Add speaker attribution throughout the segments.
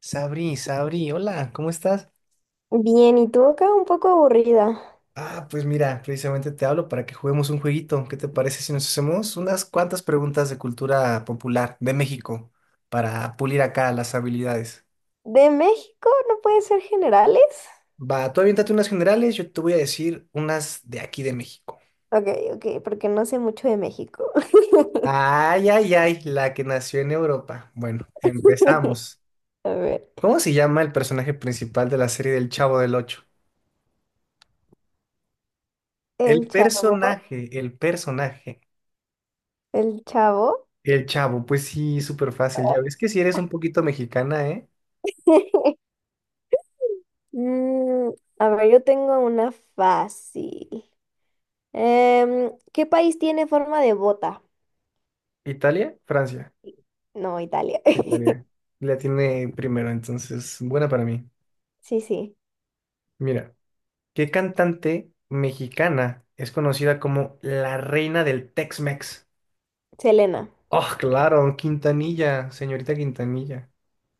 Speaker 1: Sabri, Sabri, hola, ¿cómo estás?
Speaker 2: Bien, y tú acá un poco aburrida.
Speaker 1: Ah, pues mira, precisamente te hablo para que juguemos un jueguito. ¿Qué te parece si nos hacemos unas cuantas preguntas de cultura popular de México para pulir acá las habilidades?
Speaker 2: ¿De México? ¿No puede ser generales?
Speaker 1: Va, tú aviéntate unas generales, yo te voy a decir unas de aquí de México.
Speaker 2: Ok, ok, porque no sé mucho de México.
Speaker 1: Ay, ay, ay, la que nació en Europa. Bueno, empezamos.
Speaker 2: A ver,
Speaker 1: ¿Cómo se llama el personaje principal de la serie del Chavo del Ocho?
Speaker 2: el
Speaker 1: El
Speaker 2: chavo,
Speaker 1: personaje, el personaje.
Speaker 2: el chavo.
Speaker 1: El Chavo, pues sí, súper fácil. Ya ves que si eres un poquito mexicana, ¿eh?
Speaker 2: Mm, a ver, yo tengo una fácil. ¿Qué país tiene forma de bota?
Speaker 1: ¿Italia? Francia.
Speaker 2: No, Italia.
Speaker 1: Italia. La tiene primero, entonces, buena para mí.
Speaker 2: Sí, sí,
Speaker 1: Mira, ¿qué cantante mexicana es conocida como la reina del Tex-Mex?
Speaker 2: Selena,
Speaker 1: Oh, claro, Quintanilla, señorita Quintanilla.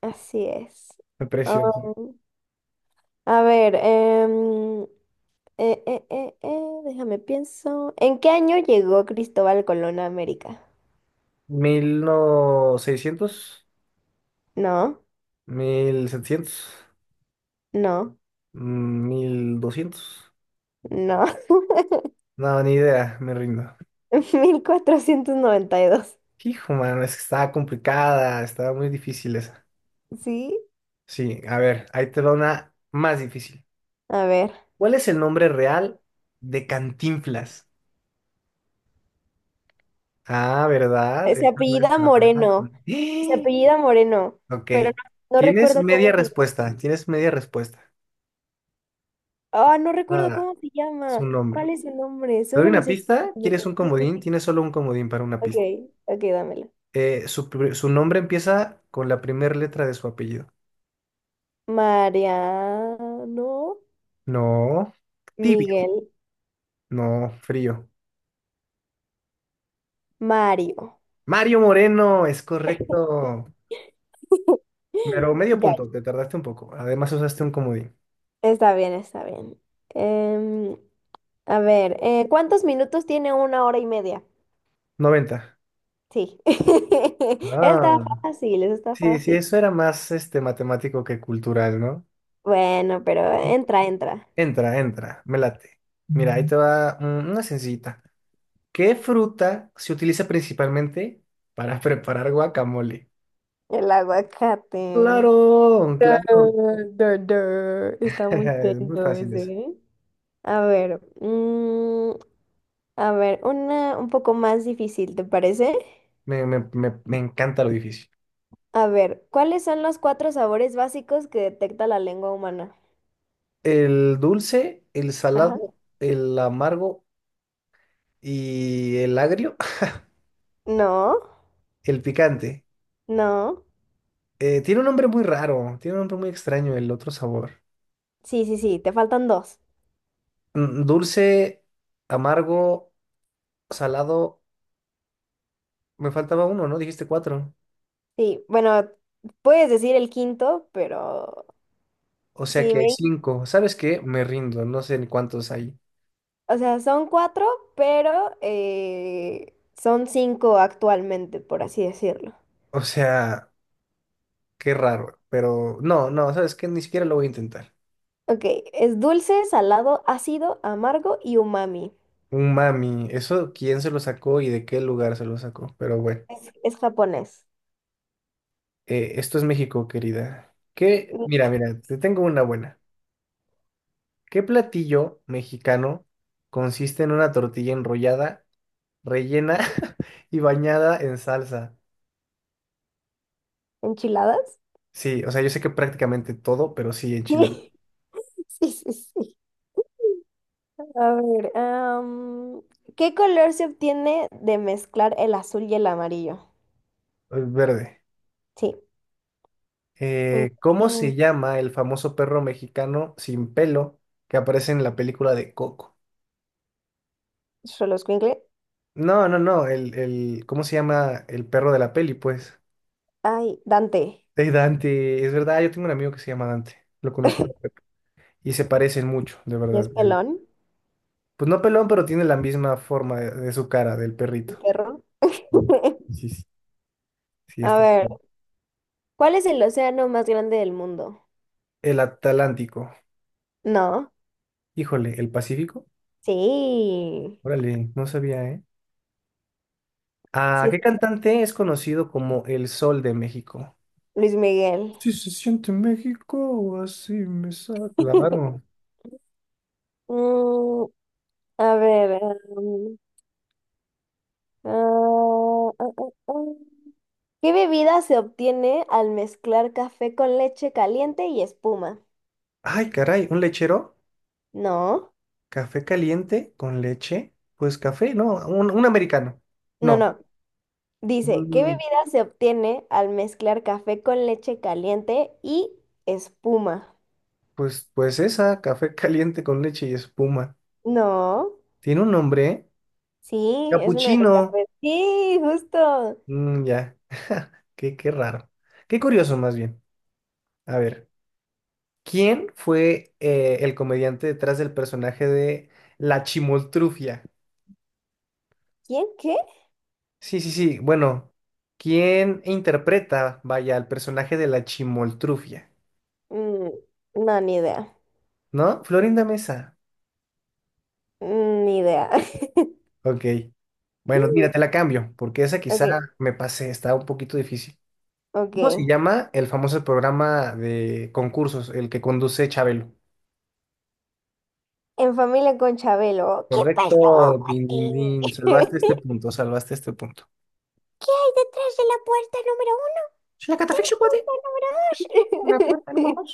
Speaker 2: así es.
Speaker 1: Qué Preciosa.
Speaker 2: Um, a ver, déjame pienso. ¿En qué año llegó Cristóbal Colón a América?
Speaker 1: ¿Mil 1700?
Speaker 2: No,
Speaker 1: ¿1700?
Speaker 2: no,
Speaker 1: ¿1200?
Speaker 2: no.
Speaker 1: No, ni idea, me rindo.
Speaker 2: Mil cuatrocientos noventa y dos.
Speaker 1: Hijo, mano, es que estaba complicada, estaba muy difícil esa.
Speaker 2: ¿Sí?
Speaker 1: Sí, a ver, ahí te va una más difícil.
Speaker 2: A ver.
Speaker 1: ¿Cuál es el nombre real de Cantinflas? Ah, ¿verdad?
Speaker 2: Se
Speaker 1: Esa no
Speaker 2: apellida
Speaker 1: está fácil.
Speaker 2: Moreno. Se
Speaker 1: ¡Eh!
Speaker 2: apellida Moreno.
Speaker 1: Ok,
Speaker 2: Pero no, no
Speaker 1: tienes
Speaker 2: recuerdo
Speaker 1: media
Speaker 2: cómo se llama.
Speaker 1: respuesta, tienes media respuesta.
Speaker 2: Ah, no recuerdo
Speaker 1: Ah,
Speaker 2: cómo se
Speaker 1: su
Speaker 2: llama. ¿Cuál
Speaker 1: nombre.
Speaker 2: es el nombre?
Speaker 1: ¿Te doy
Speaker 2: Solo me
Speaker 1: una
Speaker 2: sé su
Speaker 1: pista?
Speaker 2: apellido.
Speaker 1: ¿Quieres un
Speaker 2: Sí, sí.
Speaker 1: comodín? Tienes solo un comodín para una
Speaker 2: Ok,
Speaker 1: pista.
Speaker 2: ok, dámela.
Speaker 1: Su nombre empieza con la primera letra de su apellido.
Speaker 2: Mariano,
Speaker 1: No, tibio.
Speaker 2: Miguel,
Speaker 1: No, frío.
Speaker 2: Mario.
Speaker 1: Mario Moreno, es correcto. Pero medio
Speaker 2: Ya
Speaker 1: punto, te tardaste un poco. Además usaste un comodín.
Speaker 2: está bien, está bien. Em, a ver, ¿cuántos minutos tiene una hora y media?
Speaker 1: 90.
Speaker 2: Sí. Está
Speaker 1: Ah,
Speaker 2: fácil, está
Speaker 1: sí, sí,
Speaker 2: fácil.
Speaker 1: eso era más este matemático que cultural, ¿no?
Speaker 2: Bueno, pero entra, entra.
Speaker 1: Entra, entra, me late. Mira, ahí te va una sencillita. ¿Qué fruta se utiliza principalmente para preparar guacamole?
Speaker 2: El aguacate.
Speaker 1: Claro, claro.
Speaker 2: Dur, dur. Está muy
Speaker 1: Es muy
Speaker 2: tento
Speaker 1: fácil
Speaker 2: ese,
Speaker 1: eso.
Speaker 2: ¿eh? A ver, a ver, una un poco más difícil, ¿te parece?
Speaker 1: Me encanta lo difícil.
Speaker 2: A ver, ¿cuáles son los cuatro sabores básicos que detecta la lengua humana?
Speaker 1: El dulce, el
Speaker 2: Ajá.
Speaker 1: salado, el amargo y el agrio.
Speaker 2: No,
Speaker 1: El picante.
Speaker 2: no.
Speaker 1: Tiene un nombre muy raro, tiene un nombre muy extraño el otro sabor.
Speaker 2: Sí, sí, sí, te faltan dos.
Speaker 1: Dulce, amargo, salado. Me faltaba uno, ¿no? Dijiste cuatro.
Speaker 2: Sí, bueno, puedes decir el quinto, pero
Speaker 1: O sea
Speaker 2: sí,
Speaker 1: que hay
Speaker 2: me...
Speaker 1: cinco. ¿Sabes qué? Me rindo, no sé ni cuántos hay.
Speaker 2: o sea, son cuatro, pero son cinco actualmente, por así decirlo.
Speaker 1: O sea, qué raro. Pero no, no, ¿sabes qué? Ni siquiera lo voy a intentar.
Speaker 2: Ok, es dulce, salado, ácido, amargo y umami.
Speaker 1: Un mami, eso quién se lo sacó y de qué lugar se lo sacó. Pero bueno,
Speaker 2: Es japonés.
Speaker 1: esto es México, querida. Que, mira, mira, te tengo una buena. ¿Qué platillo mexicano consiste en una tortilla enrollada, rellena y bañada en salsa?
Speaker 2: ¿Enchiladas?
Speaker 1: Sí, o sea, yo sé que prácticamente todo, pero sí enchilada.
Speaker 2: Sí, sí, sí. A ver, ¿qué color se obtiene de mezclar el azul y el amarillo?
Speaker 1: Verde.
Speaker 2: Sí, muy
Speaker 1: ¿Cómo se
Speaker 2: bien.
Speaker 1: llama el famoso perro mexicano sin pelo que aparece en la película de Coco?
Speaker 2: Solo escuincle.
Speaker 1: No, no, no, ¿cómo se llama el perro de la peli, pues?
Speaker 2: Ay, Dante.
Speaker 1: Ey, Dante, es verdad, yo tengo un amigo que se llama Dante, lo conocí y se parecen mucho, de
Speaker 2: ¿Y es
Speaker 1: verdad.
Speaker 2: pelón?
Speaker 1: Pues no pelón, pero tiene la misma forma de, su cara, del
Speaker 2: ¿El
Speaker 1: perrito.
Speaker 2: perro?
Speaker 1: Sí, sí, sí. Sí,
Speaker 2: A
Speaker 1: está
Speaker 2: ver,
Speaker 1: bien.
Speaker 2: ¿cuál es el océano más grande del mundo?
Speaker 1: El Atlántico.
Speaker 2: No.
Speaker 1: Híjole, ¿el Pacífico?
Speaker 2: Sí.
Speaker 1: Órale, no sabía, ¿eh? Ah,
Speaker 2: Sí,
Speaker 1: ¿qué cantante es conocido como el Sol de México?
Speaker 2: Luis Miguel.
Speaker 1: Si se siente México, así me sale. Claro.
Speaker 2: Mm, a ver. Um, ah, ah, ah, ah. ¿Qué bebida se obtiene al mezclar café con leche caliente y espuma?
Speaker 1: Ay, caray, ¿un lechero?
Speaker 2: No,
Speaker 1: ¿Café caliente con leche? Pues café, no, un americano.
Speaker 2: no,
Speaker 1: No,
Speaker 2: no. Dice, ¿qué bebida
Speaker 1: un-
Speaker 2: se obtiene al mezclar café con leche caliente y espuma?
Speaker 1: pues esa, café caliente con leche y espuma.
Speaker 2: No,
Speaker 1: Tiene un nombre, ¿eh?
Speaker 2: sí, es uno de los
Speaker 1: Capuchino.
Speaker 2: cafés. Sí, justo.
Speaker 1: Mm, ya. Qué raro. Qué curioso, más bien. A ver, ¿quién fue el comediante detrás del personaje de La Chimoltrufia?
Speaker 2: ¿Quién qué?
Speaker 1: Sí, sí, sí. Bueno, ¿quién interpreta, vaya, al personaje de La Chimoltrufia?
Speaker 2: Mm, no, ni idea.
Speaker 1: ¿No? Florinda Mesa.
Speaker 2: Mm, ni idea.
Speaker 1: Ok. Bueno, mira, te la cambio, porque esa quizá
Speaker 2: Ok,
Speaker 1: me pasé, está un poquito difícil.
Speaker 2: ok.
Speaker 1: ¿Cómo se llama el famoso programa de concursos, el que conduce Chabelo?
Speaker 2: En familia con Chabelo. ¿Qué
Speaker 1: Correcto,
Speaker 2: pasó,
Speaker 1: din, din,
Speaker 2: Mati?
Speaker 1: din.
Speaker 2: ¿Qué
Speaker 1: Salvaste este punto, salvaste este punto.
Speaker 2: hay detrás de la puerta número uno, puerta número dos?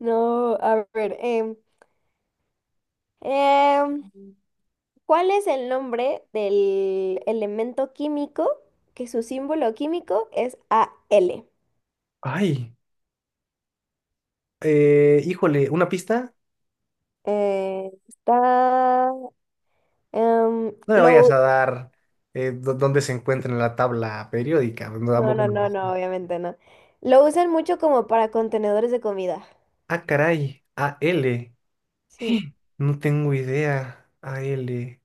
Speaker 2: No, a ver. Em, ¿Cuál es el nombre del elemento químico que su símbolo químico es AL?
Speaker 1: Ay, híjole, una pista.
Speaker 2: Está... em,
Speaker 1: No me vayas
Speaker 2: lo,
Speaker 1: a dar dónde se encuentra en la tabla periódica. No,
Speaker 2: no,
Speaker 1: tampoco.
Speaker 2: no, no,
Speaker 1: Me-
Speaker 2: no, obviamente no. Lo usan mucho como para contenedores de comida.
Speaker 1: Ah, caray, A L.
Speaker 2: Sí.
Speaker 1: No tengo idea. AL.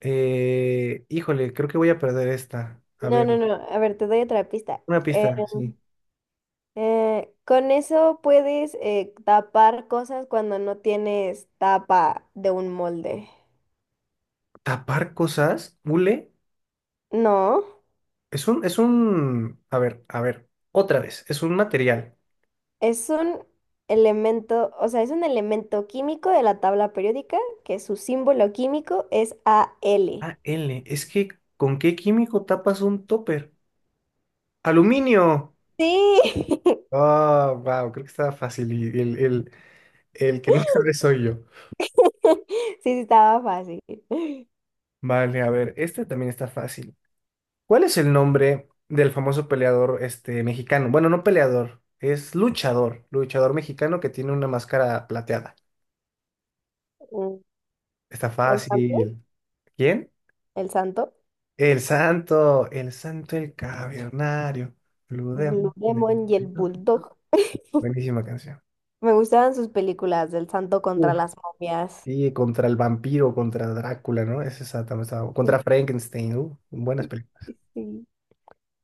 Speaker 1: Híjole, creo que voy a perder esta. A
Speaker 2: No, no,
Speaker 1: ver,
Speaker 2: no. A ver, te doy otra pista.
Speaker 1: una
Speaker 2: Eh,
Speaker 1: pista, sí.
Speaker 2: con eso puedes tapar cosas cuando no tienes tapa de un molde.
Speaker 1: Tapar cosas, hule.
Speaker 2: No,
Speaker 1: Es un, es un. A ver, otra vez. Es un material.
Speaker 2: es un elemento, o sea, es un elemento químico de la tabla periódica que su símbolo químico es Al.
Speaker 1: Ah, L. Es que, ¿con qué químico tapas un topper? ¡Aluminio!
Speaker 2: Sí.
Speaker 1: Ah, wow, creo que estaba fácil y el que no sabe soy yo.
Speaker 2: Sí, sí, estaba fácil.
Speaker 1: Vale, a ver, este también está fácil. ¿Cuál es el nombre del famoso peleador este, mexicano? Bueno, no peleador, es luchador, luchador mexicano que tiene una máscara plateada.
Speaker 2: Mm,
Speaker 1: Está
Speaker 2: el santo,
Speaker 1: fácil. ¿Quién?
Speaker 2: el santo,
Speaker 1: El santo, el santo, el cavernario. Blue
Speaker 2: Blue
Speaker 1: Demon.
Speaker 2: Demon y el Bulldog.
Speaker 1: Buenísima canción.
Speaker 2: Me gustaban sus películas del santo contra las momias.
Speaker 1: Sí, contra el vampiro, contra Drácula, ¿no? Esa está- también estaba- Contra
Speaker 2: Sí,
Speaker 1: Frankenstein, buenas
Speaker 2: sí,
Speaker 1: películas.
Speaker 2: sí, sí.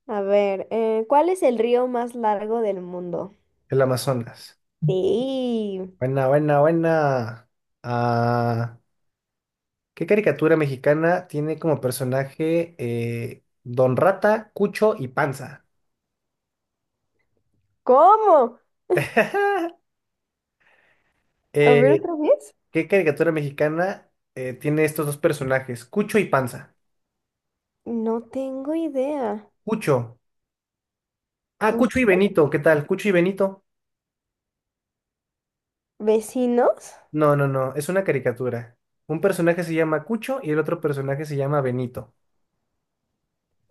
Speaker 2: A ver, ¿cuál es el río más largo del mundo?
Speaker 1: El Amazonas.
Speaker 2: Sí.
Speaker 1: Buena, buena, buena. Ah, ¿qué caricatura mexicana tiene como personaje Don Rata, Cucho y Panza?
Speaker 2: ¿Cómo? A ver
Speaker 1: Eh,
Speaker 2: otra vez.
Speaker 1: ¿qué caricatura mexicana tiene estos dos personajes? Cucho y Panza.
Speaker 2: No tengo idea.
Speaker 1: Cucho. Ah, Cucho
Speaker 2: ¿Cucho?
Speaker 1: y Benito, ¿qué tal? Cucho y Benito.
Speaker 2: ¿Vecinos?
Speaker 1: No, no, no, es una caricatura. Un personaje se llama Cucho y el otro personaje se llama Benito.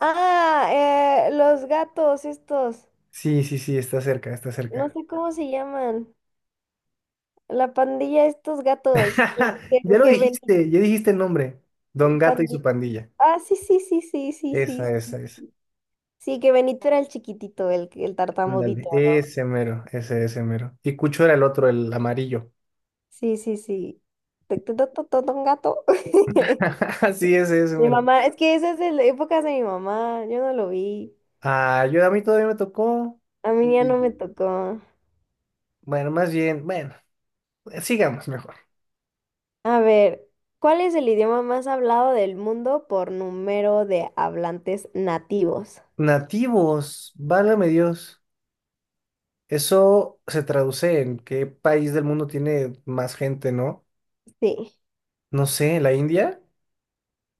Speaker 2: Ah, los gatos estos.
Speaker 1: Sí, sí, sí, está cerca, está
Speaker 2: No
Speaker 1: cerca.
Speaker 2: sé cómo se llaman. La pandilla, estos gatos
Speaker 1: Ya lo
Speaker 2: que Benito,
Speaker 1: dijiste, ya dijiste el nombre. Don Gato y su
Speaker 2: pandilla.
Speaker 1: pandilla.
Speaker 2: Ah, sí, sí, sí, sí, sí, sí.
Speaker 1: Esa,
Speaker 2: Sí,
Speaker 1: esa, esa.
Speaker 2: sí, que Benito era el chiquitito, el
Speaker 1: Ándale,
Speaker 2: tartamudito.
Speaker 1: ese mero, ese mero. Y Cucho era el otro, el amarillo.
Speaker 2: Sí, sí, sí. Un gato.
Speaker 1: Sí, ese
Speaker 2: Mi
Speaker 1: mero.
Speaker 2: mamá, es que esa es de la época de mi mamá, yo no lo vi.
Speaker 1: Ah, yo a mí todavía me tocó.
Speaker 2: A mí ya
Speaker 1: Y
Speaker 2: no me tocó.
Speaker 1: bueno, más bien, bueno, sigamos mejor.
Speaker 2: A ver, ¿cuál es el idioma más hablado del mundo por número de hablantes nativos?
Speaker 1: Nativos, válgame Dios. Eso se traduce en qué país del mundo tiene más gente, ¿no?
Speaker 2: Sí.
Speaker 1: No sé, ¿la India?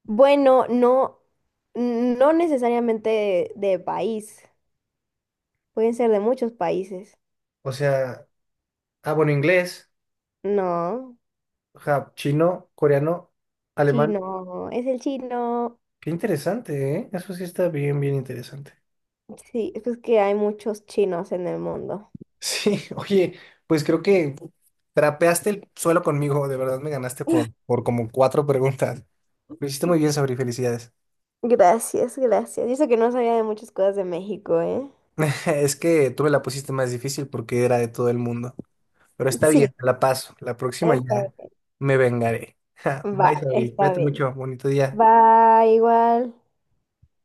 Speaker 2: Bueno, no, no necesariamente de país, pueden ser de muchos países.
Speaker 1: O sea, ah, bueno, inglés,
Speaker 2: No,
Speaker 1: ja, chino, coreano, alemán.
Speaker 2: chino, es el chino.
Speaker 1: Qué interesante, ¿eh? Eso sí está bien, bien interesante.
Speaker 2: Sí, es que hay muchos chinos en el mundo.
Speaker 1: Sí, oye, pues creo que trapeaste el suelo conmigo, de verdad me ganaste por, como cuatro preguntas. Lo hiciste muy bien, Sabri, felicidades.
Speaker 2: Gracias, gracias. Y eso que no sabía de muchas cosas de México, ¿eh?
Speaker 1: Es que tú me la pusiste más difícil porque era de todo el mundo. Pero está
Speaker 2: Sí,
Speaker 1: bien, la paso. La próxima
Speaker 2: está
Speaker 1: ya
Speaker 2: bien.
Speaker 1: me vengaré. Bye,
Speaker 2: Va,
Speaker 1: Sabri.
Speaker 2: está
Speaker 1: Cuídate
Speaker 2: bien.
Speaker 1: mucho. Bonito día.
Speaker 2: Va igual.